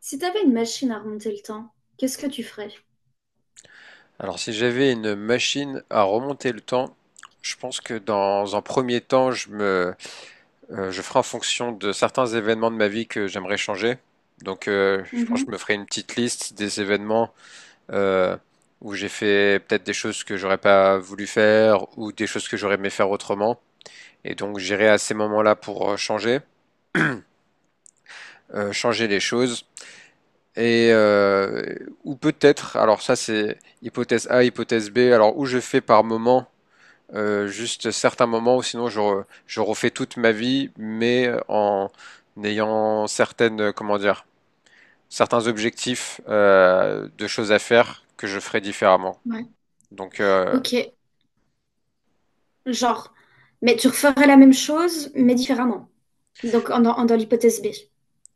Si t'avais une machine à remonter le temps, qu'est-ce que tu ferais? Alors, si j'avais une machine à remonter le temps, je pense que dans un premier temps, je ferai en fonction de certains événements de ma vie que j'aimerais changer. Donc, je pense Mhm, que je me ferai une petite liste des événements euh, où j'ai fait peut-être des choses que j'aurais pas voulu faire ou des choses que j'aurais aimé faire autrement. Et donc, j'irai à ces moments-là pour changer, changer les choses. Et euh, ou peut-être, alors ça c'est hypothèse A, hypothèse B, alors où je fais par moment juste certains moments où sinon je refais toute ma vie, mais en ayant certaines, comment dire, certains objectifs de choses à faire que je ferai différemment. ouais. Donc, Ok, genre, mais tu referais la même chose, mais différemment. Donc, dans l'hypothèse B.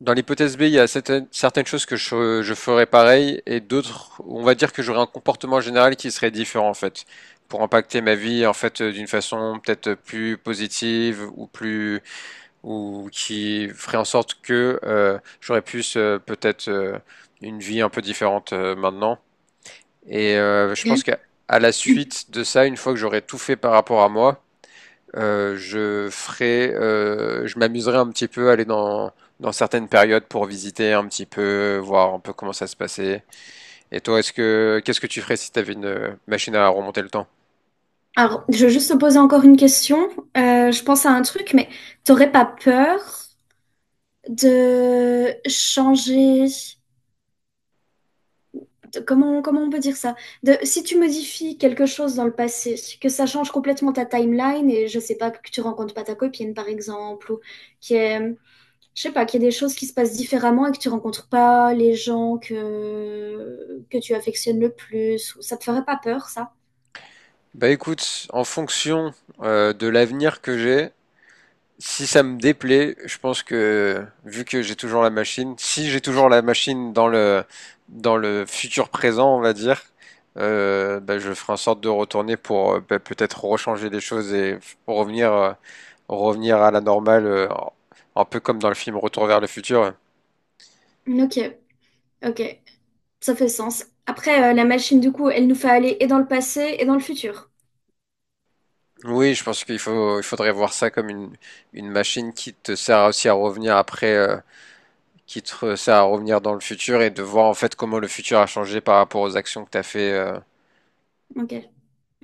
dans l'hypothèse B, il y a certaines choses que je ferai pareil et d'autres, où on va dire que j'aurai un comportement général qui serait différent en fait, pour impacter ma vie en fait d'une façon peut-être plus positive ou plus ou qui ferait en sorte que j'aurais plus, peut-être, une vie un peu différente maintenant. Je Ok. pense qu'à à la suite de ça, une fois que j'aurai tout fait par rapport à moi, je ferai, je m'amuserai un petit peu à aller dans certaines périodes pour visiter un petit peu, voir un peu comment ça se passait. Et toi, est-ce que qu'est-ce que tu ferais si tu avais une machine à remonter le temps? Alors, je vais juste te poser encore une question. Je pense à un truc, mais t'aurais pas peur de changer... comment, comment on peut dire ça? De, si tu modifies quelque chose dans le passé, que ça change complètement ta timeline et je sais pas, que tu rencontres pas ta copine, par exemple, ou je sais pas, qu'il y a des choses qui se passent différemment et que tu rencontres pas les gens que tu affectionnes le plus. Ça te ferait pas peur, ça? Bah écoute, en fonction de l'avenir que j'ai, si ça me déplaît, je pense que vu que j'ai toujours la machine, si j'ai toujours la machine dans le futur présent, on va dire, bah, je ferai en sorte de retourner pour bah, peut-être rechanger les choses pour revenir revenir à la normale, un peu comme dans le film Retour vers le futur. Ok, ok, ça fait sens. Après, la machine, du coup, elle nous fait aller et dans le passé et dans le futur. Oui, je pense qu'il faut il faudrait voir ça comme une machine qui te sert aussi à revenir après, qui te sert à revenir dans le futur et de voir en fait comment le futur a changé par rapport aux actions que tu as fait. Ok,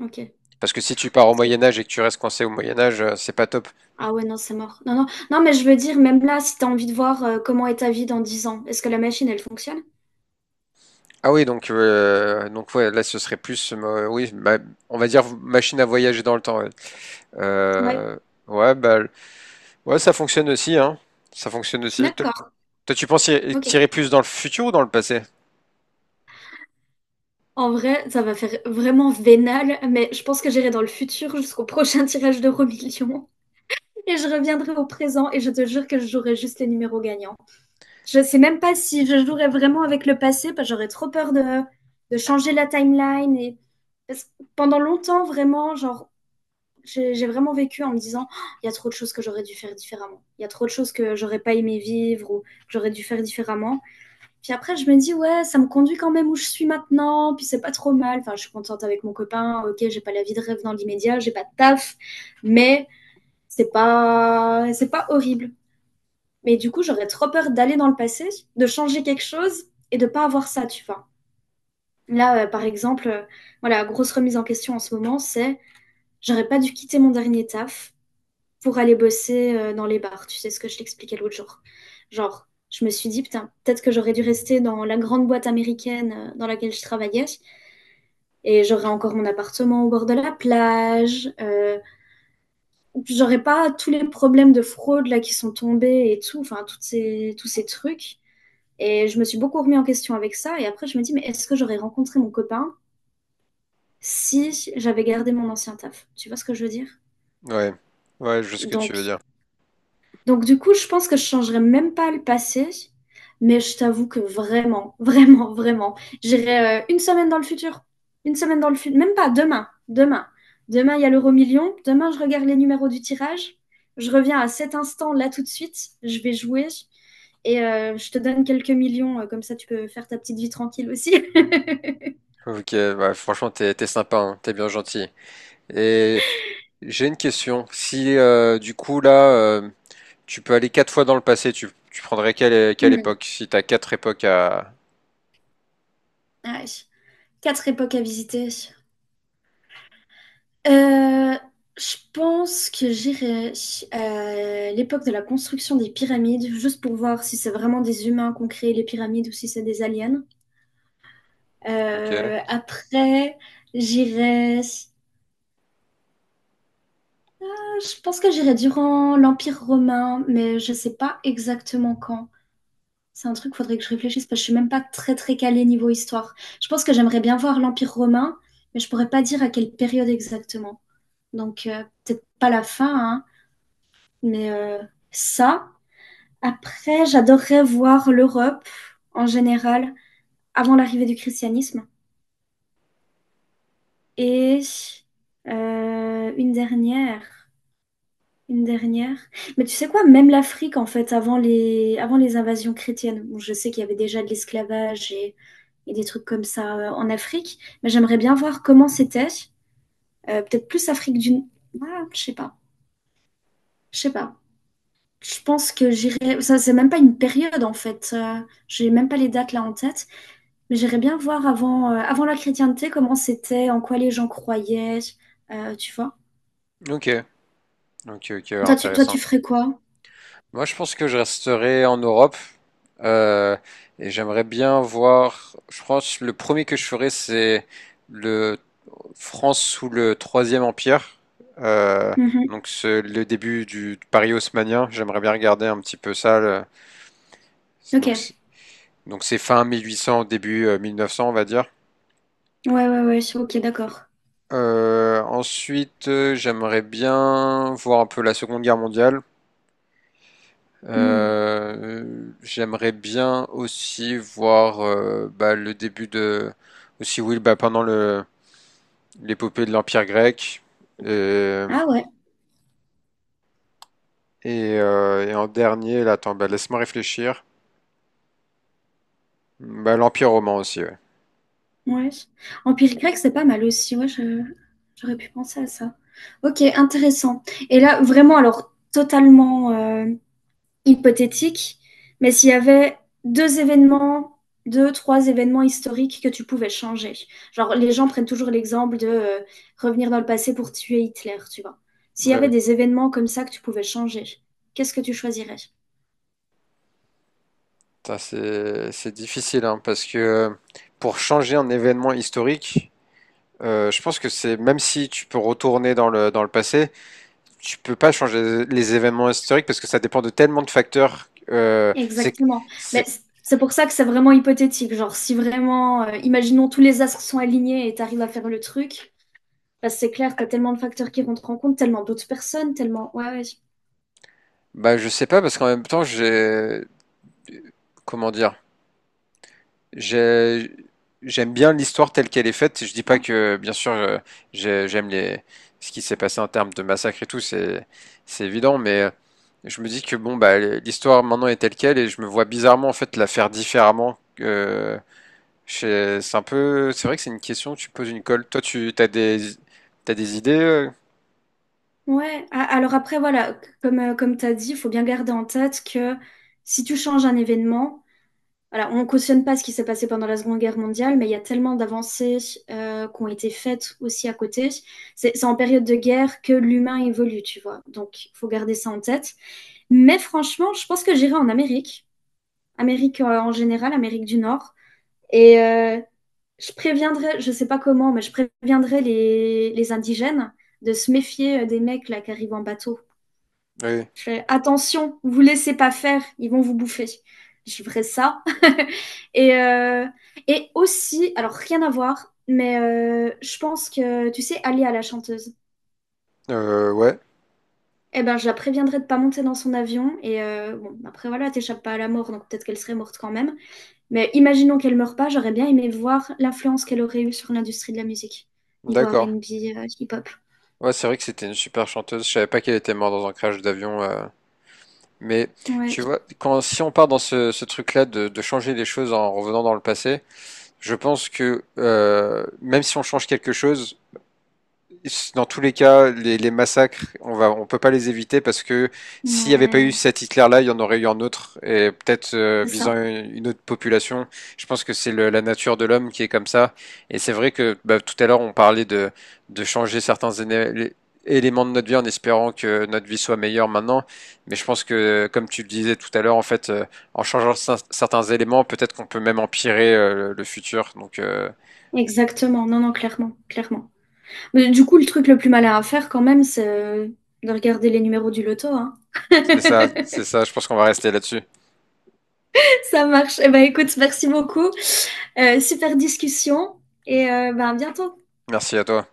ok. Parce que si tu pars au C'est- Moyen Âge et que tu restes coincé au Moyen Âge, c'est pas top. Ah ouais, non, c'est mort. Non, non, non, mais je veux dire, même là, si t'as envie de voir comment est ta vie dans 10 ans, est-ce que la machine, elle fonctionne? Ah oui, donc ouais, là ce serait plus, oui, on va dire machine à voyager dans le temps. Ouais, Ouais, Euh, ouais, ouais, ça fonctionne aussi, hein. Ça fonctionne aussi. D'accord, Toi, tu penses tirer ok. plus dans le futur ou dans le passé? En vrai, ça va faire vraiment vénal, mais je pense que j'irai dans le futur jusqu'au prochain tirage d'Euro Million. Et je reviendrai au présent et je te jure que je jouerai juste les numéros gagnants. Je sais même pas si je jouerai vraiment avec le passé, parce que j'aurais trop peur de changer la timeline. Et... parce que pendant longtemps, vraiment, genre, j'ai vraiment vécu en me disant, oh, il y a trop de choses que j'aurais dû faire différemment. Il y a trop de choses que j'aurais pas aimé vivre ou que j'aurais dû faire différemment. Puis après, je me dis, ouais, ça me conduit quand même où je suis maintenant, puis c'est pas trop mal. Enfin, je suis contente avec mon copain, ok, j'ai pas la vie de rêve dans l'immédiat, j'ai pas de taf, mais c'est pas horrible. Mais du coup, j'aurais trop peur d'aller dans le passé, de changer quelque chose et de pas avoir ça, tu vois. Là, par exemple, voilà, grosse remise en question en ce moment, c'est j'aurais pas dû quitter mon dernier taf pour aller bosser dans les bars. Tu sais ce que je t'expliquais l'autre jour. Genre, je me suis dit, putain, peut-être que j'aurais dû rester dans la grande boîte américaine dans laquelle je travaillais et j'aurais encore mon appartement au bord de la plage. J'aurais pas tous les problèmes de fraude là qui sont tombés et tout, enfin, tous ces trucs. Et je me suis beaucoup remis en question avec ça. Et après, je me dis, mais est-ce que j'aurais rencontré mon copain si j'avais gardé mon ancien taf? Tu vois ce que je veux dire? Ouais, ouais, je vois ce que tu veux Donc, dire. donc du coup, je pense que je changerais même pas le passé. Mais je t'avoue que vraiment, vraiment, j'irai une semaine dans le futur. Une semaine dans le futur. Même pas demain. Demain. Demain, il y a l'euro million. Demain, je regarde les numéros du tirage. Je reviens à cet instant, là, tout de suite. Je vais jouer. Et je te donne quelques millions. Comme ça, tu peux faire ta petite vie tranquille aussi. Ok, ouais, franchement, t'es sympa, hein, t'es bien gentil. Et j'ai une question. Si du coup là, tu peux aller quatre fois dans le passé, tu prendrais quelle Hmm, époque? Si t'as quatre époques à ouais. Quatre époques à visiter. Euh, je pense que j'irai à l'époque de la construction des pyramides, juste pour voir si c'est vraiment des humains qui ont créé les pyramides ou si c'est des aliens. Ok, Après, j'irai. Je pense que j'irai durant l'Empire romain, mais je sais pas exactement quand. C'est un truc, faudrait que je réfléchisse parce que je suis même pas très très calée niveau histoire. Je pense que j'aimerais bien voir l'Empire romain, mais je pourrais pas dire à quelle période exactement. Donc, peut-être pas la fin, hein, mais ça. Après, j'adorerais voir l'Europe en général avant l'arrivée du christianisme. Et une dernière, une dernière. Mais tu sais quoi, même l'Afrique, en fait, avant les invasions chrétiennes, bon, je sais qu'il y avait déjà de l'esclavage et des trucs comme ça en Afrique, mais j'aimerais bien voir comment c'était. Peut-être plus Afrique du... Ah, je sais pas, je sais pas. Je pense que j'irai. Ça, c'est même pas une période en fait. J'ai même pas les dates là en tête. Mais j'irais bien voir avant, avant la chrétienté comment c'était, en quoi les gens croyaient. Tu vois? ok, ok, Toi, intéressant. tu ferais quoi? Moi, je pense que je resterai en Europe euh, et j'aimerais bien voir. Je pense le premier que je ferai, c'est le France sous le Troisième Empire, euh, Mhm. donc c'est le début du Paris haussmannien. J'aimerais bien regarder un petit peu ça. Donc, Ok. Donc c'est fin 1800, début 1900, on va dire. Ouais, ouais, ouais. Ok, d'accord. Ensuite, j'aimerais bien voir un peu la Seconde Guerre mondiale. Hmm. Euh, j'aimerais bien aussi voir bah, le début de aussi oui bah, pendant le l'épopée de l'Empire grec et Ah ouais. Et en dernier là attends bah, laisse-moi réfléchir bah, l'Empire romain aussi ouais. Ouais. Empire grec, c'est pas mal aussi. Ouais, j'aurais pu penser à ça. Ok, intéressant. Et là, vraiment, alors, totalement. Hypothétique, mais s'il y avait deux événements, trois événements historiques que tu pouvais changer. Genre, les gens prennent toujours l'exemple de revenir dans le passé pour tuer Hitler, tu vois. S'il y avait Ouais. des événements comme ça que tu pouvais changer, qu'est-ce que tu choisirais? Putain, c'est difficile hein, parce que pour changer un événement historique je pense que c'est même si tu peux retourner dans le passé tu peux pas changer les événements historiques parce que ça dépend de tellement de facteurs. Exactement. Mais c'est, c'est pour ça que c'est vraiment hypothétique. Genre, si vraiment, imaginons tous les astres sont alignés et tu arrives à faire le truc, parce que c'est clair, tu as tellement de facteurs qui rentrent en compte, tellement d'autres personnes, tellement... Ouais, ouais. bah, je sais pas parce qu'en même temps, comment dire, j'ai, j'aime bien l'histoire telle qu'elle est faite. Je dis pas que, bien sûr, j'aime les, ce qui s'est passé en termes de massacre et tout, c'est évident, mais je me dis que bon, bah, l'histoire maintenant est telle qu'elle et je me vois bizarrement en fait la faire différemment. C'est un peu, c'est vrai que c'est une question, tu poses une colle. Toi, tu t'as des idées? Ouais, alors après, voilà, comme, comme tu as dit, il faut bien garder en tête que si tu changes un événement, voilà, on cautionne pas ce qui s'est passé pendant la Seconde Guerre mondiale, mais il y a tellement d'avancées qui ont été faites aussi à côté. C'est en période de guerre que l'humain évolue, tu vois. Donc, il faut garder ça en tête. Mais franchement, je pense que j'irai en Amérique, Amérique en général, Amérique du Nord. Et je préviendrai, je sais pas comment, mais je préviendrai les indigènes de se méfier des mecs là qui arrivent en bateau. Oui. Je fais, attention, vous laissez pas faire, ils vont vous bouffer. Je ferai ça. Et, et aussi, alors rien à voir, mais je pense que, tu sais, Ali la chanteuse. Ouais. Eh ben, je la préviendrai de pas monter dans son avion. Et bon, après voilà, t'échappes pas à la mort, donc peut-être qu'elle serait morte quand même. Mais imaginons qu'elle meure pas, j'aurais bien aimé voir l'influence qu'elle aurait eue sur l'industrie de la musique, niveau D'accord. R&B, hip-hop. Ouais, c'est vrai que c'était une super chanteuse. Je savais pas qu'elle était morte dans un crash d'avion. Mais Ouais, tu vois, quand si on part dans ce truc-là de changer les choses en revenant dans le passé, je pense que même si on change quelque chose, dans tous les cas, les massacres, on peut pas les éviter parce que s'il n'y avait pas eu mais cet Hitler-là, il y en aurait eu un autre et peut-être c'est ça. visant une autre population. Je pense que c'est la nature de l'homme qui est comme ça. Et c'est vrai que bah, tout à l'heure, on parlait de changer certains éléments de notre vie en espérant que notre vie soit meilleure maintenant. Mais je pense que, comme tu le disais tout à l'heure, en fait, en changeant certains éléments, peut-être qu'on peut même empirer le futur. Donc Exactement. Non, non, clairement, clairement. Mais du coup, le truc le plus malin à faire quand même, c'est de regarder les numéros du loto, hein. c'est ça, c'est ça. Je pense qu'on va rester là-dessus. Ça marche. Eh ben, écoute, merci beaucoup. Super discussion et ben, à bientôt. Merci à toi.